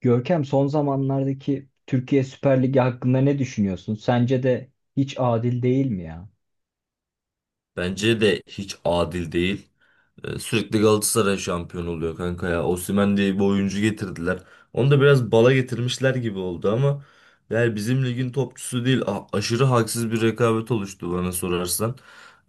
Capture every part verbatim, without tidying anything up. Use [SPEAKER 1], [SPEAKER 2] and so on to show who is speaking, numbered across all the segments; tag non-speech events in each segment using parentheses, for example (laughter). [SPEAKER 1] Görkem son zamanlardaki Türkiye Süper Ligi hakkında ne düşünüyorsun? Sence de hiç adil değil mi ya?
[SPEAKER 2] Bence de hiç adil değil. Ee, Sürekli Galatasaray şampiyon oluyor kanka ya. Osimhen diye bir oyuncu getirdiler. Onu da biraz bala getirmişler gibi oldu ama yani bizim ligin topçusu değil. A- aşırı haksız bir rekabet oluştu bana sorarsan.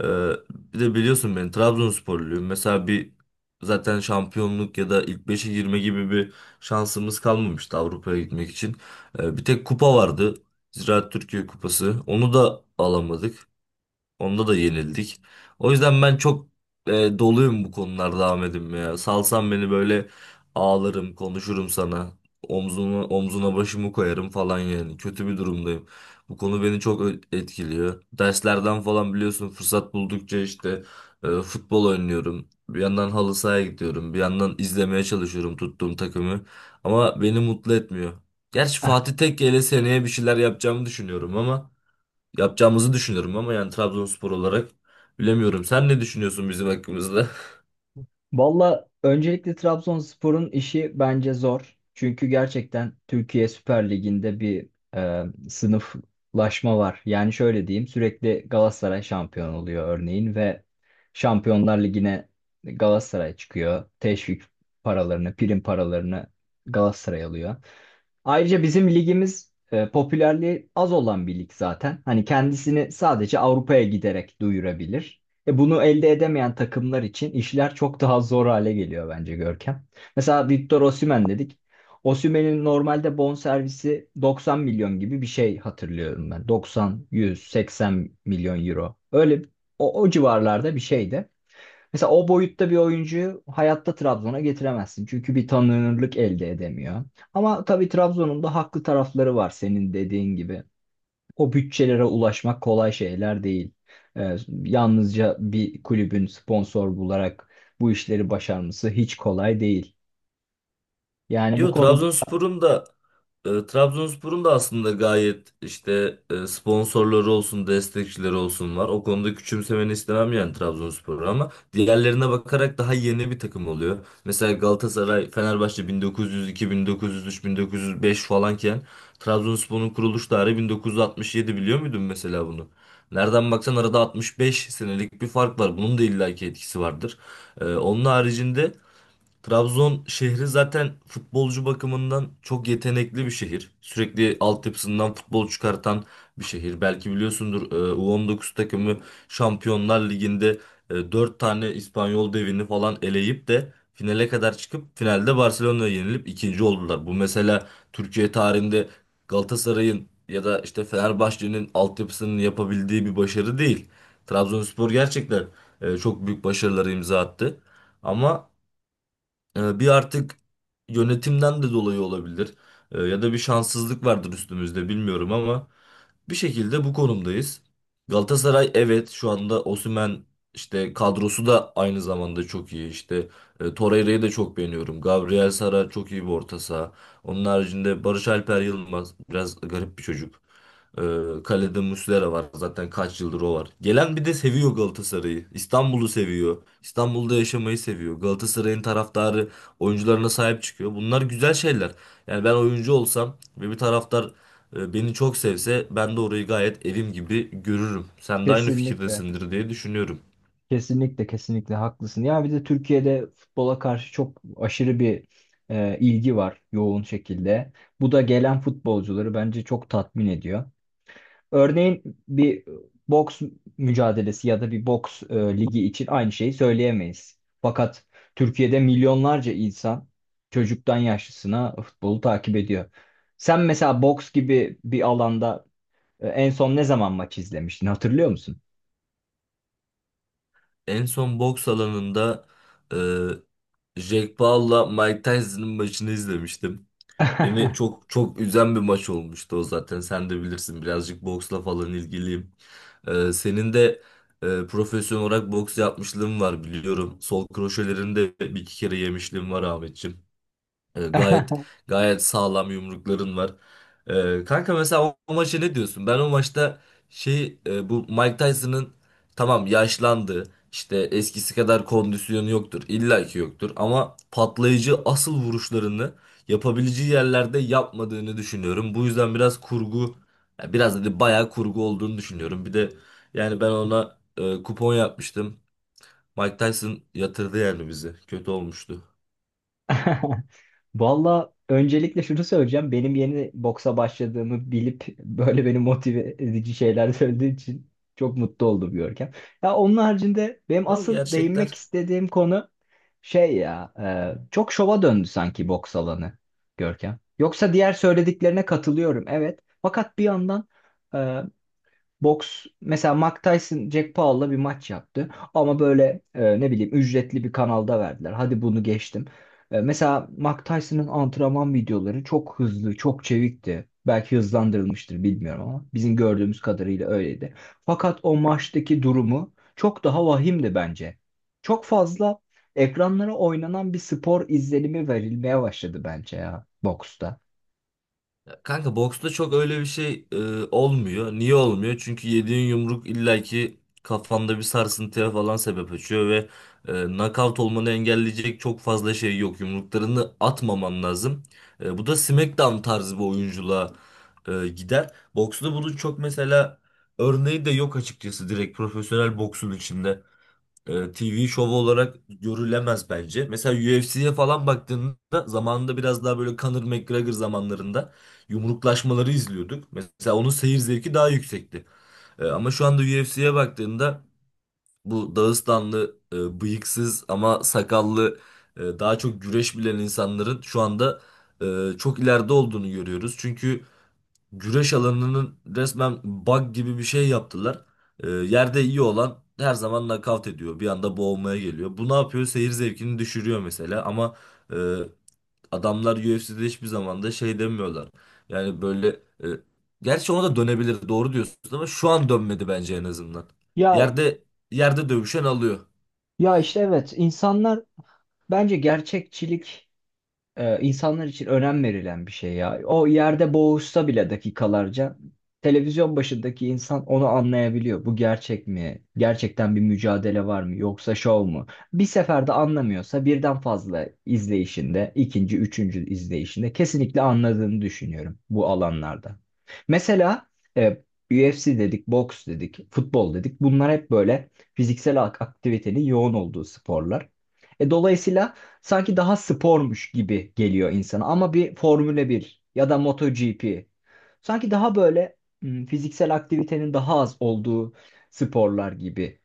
[SPEAKER 2] Ee, Bir de biliyorsun ben Trabzonsporluyum. Mesela bir zaten şampiyonluk ya da ilk beşe girme gibi bir şansımız kalmamıştı Avrupa'ya gitmek için. Ee, bir tek kupa vardı. Ziraat Türkiye Kupası. Onu da alamadık. Onda da yenildik. O yüzden ben çok e, doluyum bu konularda Ahmet'im ya. Salsan beni böyle ağlarım, konuşurum sana. Omzuna, omzuna başımı koyarım falan yani. Kötü bir durumdayım. Bu konu beni çok ö- etkiliyor. Derslerden falan biliyorsun, fırsat buldukça işte e, futbol oynuyorum. Bir yandan halı sahaya gidiyorum. Bir yandan izlemeye çalışıyorum tuttuğum takımı. Ama beni mutlu etmiyor. Gerçi Fatih
[SPEAKER 1] (laughs)
[SPEAKER 2] Tekke ile seneye bir şeyler yapacağımı düşünüyorum ama yapacağımızı düşünüyorum ama yani Trabzonspor olarak bilemiyorum. Sen ne düşünüyorsun bizim hakkımızda?
[SPEAKER 1] Valla öncelikle Trabzonspor'un işi bence zor. Çünkü gerçekten Türkiye Süper Ligi'nde bir e, sınıflaşma var. Yani şöyle diyeyim, sürekli Galatasaray şampiyon oluyor örneğin ve Şampiyonlar Ligi'ne Galatasaray çıkıyor. Teşvik paralarını, prim paralarını Galatasaray alıyor. Ayrıca bizim ligimiz e, popülerliği az olan bir lig zaten. Hani kendisini sadece Avrupa'ya giderek duyurabilir. E, bunu elde edemeyen takımlar için işler çok daha zor hale geliyor bence Görkem. Mesela Victor Osimhen dedik. Osimhen'in normalde bonservisi doksan milyon gibi bir şey hatırlıyorum ben. doksan, yüz, seksen milyon euro. Öyle o, o civarlarda bir şeydi. Mesela o boyutta bir oyuncuyu hayatta Trabzon'a getiremezsin. Çünkü bir tanınırlık elde edemiyor. Ama tabii Trabzon'un da haklı tarafları var, senin dediğin gibi. O bütçelere ulaşmak kolay şeyler değil. Ee, Yalnızca bir kulübün sponsor bularak bu işleri başarması hiç kolay değil.
[SPEAKER 2] (laughs)
[SPEAKER 1] Yani bu
[SPEAKER 2] Yo,
[SPEAKER 1] konuda
[SPEAKER 2] Trabzonspor'un da E, Trabzonspor'un da aslında gayet işte e, sponsorları olsun, destekçileri olsun var. O konuda küçümsemeni istemem yani Trabzonspor'u, ama diğerlerine bakarak daha yeni bir takım oluyor. Mesela Galatasaray, Fenerbahçe bin dokuz yüz iki, bin dokuz yüz üç, bin dokuz yüz beş falanken Trabzonspor'un kuruluş tarihi bin dokuz yüz altmış yedi, biliyor muydun mesela bunu? Nereden baksan arada altmış beş senelik bir fark var. Bunun da illaki etkisi vardır. E, onun haricinde Trabzon şehri zaten futbolcu bakımından çok yetenekli bir şehir. Sürekli altyapısından futbol çıkartan bir şehir. Belki biliyorsundur, e, U on dokuz takımı Şampiyonlar Ligi'nde e, dört tane İspanyol devini falan eleyip de finale kadar çıkıp finalde Barcelona'ya yenilip ikinci oldular. Bu mesela Türkiye tarihinde Galatasaray'ın ya da işte Fenerbahçe'nin altyapısının yapabildiği bir başarı değil. Trabzonspor gerçekten e, çok büyük başarıları imza attı. Ama ee, Bir artık yönetimden de dolayı olabilir. Ee, Ya da bir şanssızlık vardır üstümüzde, bilmiyorum, ama bir şekilde bu konumdayız. Galatasaray, evet, şu anda Osimhen işte kadrosu da aynı zamanda çok iyi. İşte e, Torreira'yı da çok beğeniyorum. Gabriel Sara çok iyi bir orta saha. Onun haricinde Barış Alper Yılmaz biraz garip bir çocuk. Ee, kalede Muslera var. Zaten kaç yıldır o var. Gelen bir de seviyor Galatasaray'ı. İstanbul'u seviyor. İstanbul'da yaşamayı seviyor. Galatasaray'ın taraftarı oyuncularına sahip çıkıyor. Bunlar güzel şeyler. Yani ben oyuncu olsam ve bir taraftar e, beni çok sevse, ben de orayı gayet evim gibi görürüm. Sen de aynı
[SPEAKER 1] kesinlikle,
[SPEAKER 2] fikirdesindir diye düşünüyorum.
[SPEAKER 1] kesinlikle, kesinlikle haklısın. Ya bir de Türkiye'de futbola karşı çok aşırı bir e, ilgi var, yoğun şekilde. Bu da gelen futbolcuları bence çok tatmin ediyor. Örneğin bir boks mücadelesi ya da bir boks e, ligi için aynı şeyi söyleyemeyiz. Fakat Türkiye'de milyonlarca insan, çocuktan yaşlısına, futbolu takip ediyor. Sen mesela boks gibi bir alanda e, en son ne zaman maç izlemiştin, hatırlıyor musun?
[SPEAKER 2] En son boks alanında e, Jack Paul'la Mike Tyson'ın maçını izlemiştim. Beni çok çok üzen bir maç olmuştu o zaten. Sen de bilirsin, birazcık boksla falan ilgiliyim. Ee, senin de e, profesyonel olarak boks yapmışlığın var, biliyorum. Sol kroşelerini de bir iki kere yemişliğin var Ahmetciğim. E, Gayet gayet sağlam yumrukların var. E, kanka, mesela o, o maça ne diyorsun? Ben o maçta şey e, bu Mike Tyson'ın, tamam, yaşlandı. İşte eskisi kadar kondisyonu yoktur. İlla ki yoktur. Ama patlayıcı asıl vuruşlarını yapabileceği yerlerde yapmadığını düşünüyorum. Bu yüzden biraz kurgu ya, biraz dedi bayağı kurgu olduğunu düşünüyorum. Bir de yani ben ona e, kupon yapmıştım. Mike Tyson yatırdı yani bizi. Kötü olmuştu.
[SPEAKER 1] (laughs) Valla öncelikle şunu söyleyeceğim. Benim yeni boksa başladığımı bilip böyle beni motive edici şeyler (laughs) söylediği için çok mutlu oldum Görkem. Ya onun haricinde benim
[SPEAKER 2] Yok,
[SPEAKER 1] asıl değinmek
[SPEAKER 2] gerçekler.
[SPEAKER 1] istediğim konu şey ya, e, çok şova döndü sanki boks alanı Görkem. Yoksa diğer söylediklerine katılıyorum, evet. Fakat bir yandan e, boks, mesela Mike Tyson Jack Paul'la bir maç yaptı ama böyle e, ne bileyim, ücretli bir kanalda verdiler. Hadi bunu geçtim. E, mesela Mike Tyson'ın antrenman videoları çok hızlı, çok çevikti. Belki hızlandırılmıştır bilmiyorum ama bizim gördüğümüz kadarıyla öyleydi. Fakat o maçtaki durumu çok daha vahimdi bence. Çok fazla ekranlara oynanan bir spor izlenimi verilmeye başladı bence ya, boksta.
[SPEAKER 2] Ya kanka, boksta çok öyle bir şey e, olmuyor. Niye olmuyor? Çünkü yediğin yumruk illaki kafanda bir sarsıntıya falan sebep açıyor ve e, knockout olmanı engelleyecek çok fazla şey yok. Yumruklarını atmaman lazım. E, bu da SmackDown tarzı bir oyunculuğa e, gider. Boksta bunun çok mesela örneği de yok açıkçası, direkt profesyonel boksun içinde e, T V şovu olarak görülemez bence. Mesela U F C'ye falan baktığında, zamanında biraz daha böyle Conor McGregor zamanlarında yumruklaşmaları izliyorduk. Mesela onun seyir zevki daha yüksekti. E, ama şu anda U F C'ye baktığında, bu Dağıstanlı, e, bıyıksız ama sakallı, e, daha çok güreş bilen insanların şu anda e, çok ileride olduğunu görüyoruz. Çünkü güreş alanının resmen bug gibi bir şey yaptılar. Ee, yerde iyi olan her zaman nakavt ediyor. Bir anda boğulmaya geliyor. Bu ne yapıyor? Seyir zevkini düşürüyor mesela. Ama e, adamlar U F C'de hiçbir zaman da şey demiyorlar. Yani böyle, e, gerçi ona da dönebilir, doğru diyorsunuz, ama şu an dönmedi bence en azından.
[SPEAKER 1] Ya
[SPEAKER 2] Yerde yerde dövüşen alıyor.
[SPEAKER 1] ya işte evet, insanlar bence gerçekçilik, e, insanlar için önem verilen bir şey ya. O yerde boğuşsa bile dakikalarca televizyon başındaki insan onu anlayabiliyor. Bu gerçek mi? Gerçekten bir mücadele var mı? Yoksa şov mu? Bir seferde anlamıyorsa birden fazla izleyişinde, ikinci, üçüncü izleyişinde kesinlikle anladığını düşünüyorum bu alanlarda. Mesela e, U F C dedik, boks dedik, futbol dedik. Bunlar hep böyle fiziksel ak- aktivitenin yoğun olduğu sporlar. E, dolayısıyla sanki daha spormuş gibi geliyor insana ama bir Formula bir ya da MotoGP sanki daha böyle, hmm, fiziksel aktivitenin daha az olduğu sporlar gibi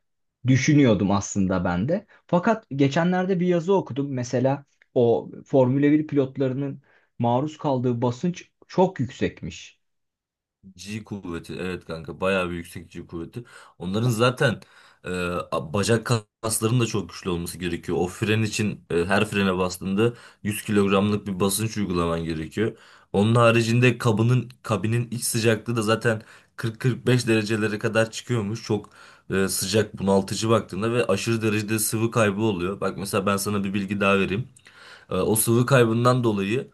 [SPEAKER 1] düşünüyordum aslında ben de. Fakat geçenlerde bir yazı okudum. Mesela o Formula bir pilotlarının maruz kaldığı basınç çok yüksekmiş.
[SPEAKER 2] G kuvveti, evet kanka, bayağı bir yüksek G kuvveti. Onların zaten e, a- bacak kaslarının da çok güçlü olması gerekiyor. O fren için e, her frene bastığında yüz kilogramlık bir basınç uygulaman gerekiyor. Onun haricinde kabının kabinin iç sıcaklığı da zaten kırk kırk beş derecelere kadar çıkıyormuş. Çok e, sıcak, bunaltıcı baktığında, ve aşırı derecede sıvı kaybı oluyor. Bak mesela, ben sana bir bilgi daha vereyim. E, o sıvı kaybından dolayı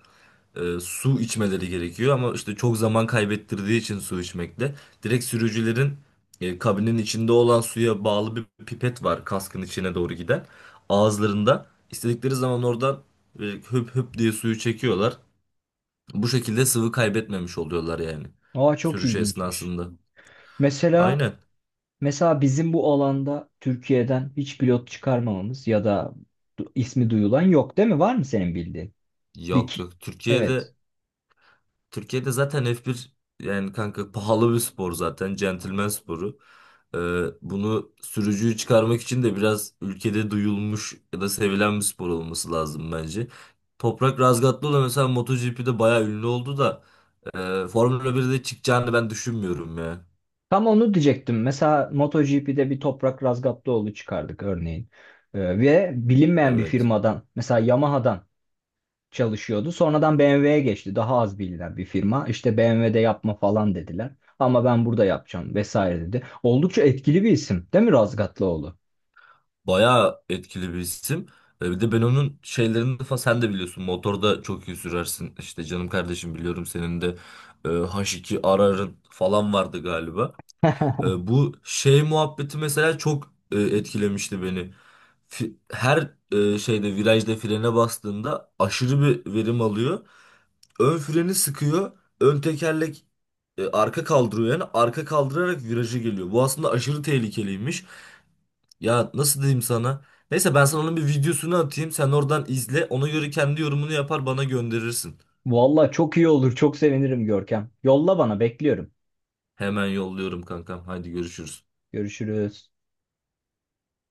[SPEAKER 2] e, su içmeleri gerekiyor ama işte çok zaman kaybettirdiği için su içmekte, direkt sürücülerin e, kabinin içinde olan suya bağlı bir pipet var kaskın içine doğru giden. Ağızlarında, istedikleri zaman oradan e, höp höp diye suyu çekiyorlar. Bu şekilde sıvı kaybetmemiş oluyorlar yani,
[SPEAKER 1] Aa, çok
[SPEAKER 2] sürüş
[SPEAKER 1] ilginçmiş.
[SPEAKER 2] esnasında.
[SPEAKER 1] Mesela
[SPEAKER 2] Aynen.
[SPEAKER 1] Mesela bizim bu alanda Türkiye'den hiç pilot çıkarmamamız ya da du- ismi duyulan yok, değil mi? Var mı senin bildiğin? Bir
[SPEAKER 2] Yok
[SPEAKER 1] ki-
[SPEAKER 2] yok,
[SPEAKER 1] Evet.
[SPEAKER 2] Türkiye'de Türkiye'de zaten F bir, yani kanka, pahalı bir spor zaten. Centilmen sporu. Ee, Bunu, sürücüyü çıkarmak için de biraz ülkede duyulmuş ya da sevilen bir spor olması lazım bence. Toprak Razgatlıoğlu mesela MotoGP'de bayağı ünlü oldu da e, Formula birde çıkacağını ben düşünmüyorum ya.
[SPEAKER 1] Tam onu diyecektim. Mesela MotoGP'de bir Toprak Razgatlıoğlu çıkardık örneğin. Ee, ve bilinmeyen bir
[SPEAKER 2] Evet.
[SPEAKER 1] firmadan, mesela Yamaha'dan çalışıyordu. Sonradan B M W'ye geçti. Daha az bilinen bir firma. İşte B M W'de yapma falan dediler. Ama ben burada yapacağım vesaire dedi. Oldukça etkili bir isim değil mi Razgatlıoğlu?
[SPEAKER 2] Bayağı etkili bir isim. E, Bir de ben onun şeylerini falan, sen de biliyorsun. Motorda çok iyi sürersin. İşte canım kardeşim, biliyorum senin de e, H iki Arar'ın falan vardı galiba. E, bu şey muhabbeti mesela çok e, etkilemişti beni. Fi- Her e, şeyde, virajda frene bastığında aşırı bir verim alıyor. Ön freni sıkıyor. Ön tekerlek e, arka kaldırıyor, yani arka kaldırarak virajı geliyor. Bu aslında aşırı tehlikeliymiş. Ya nasıl diyeyim sana? Neyse, ben sana onun bir videosunu atayım. Sen oradan izle. Ona göre kendi yorumunu yapar, bana gönderirsin.
[SPEAKER 1] Vallahi çok iyi olur. Çok sevinirim Görkem. Yolla, bana bekliyorum.
[SPEAKER 2] Hemen yolluyorum kankam. Hadi görüşürüz.
[SPEAKER 1] Görüşürüz.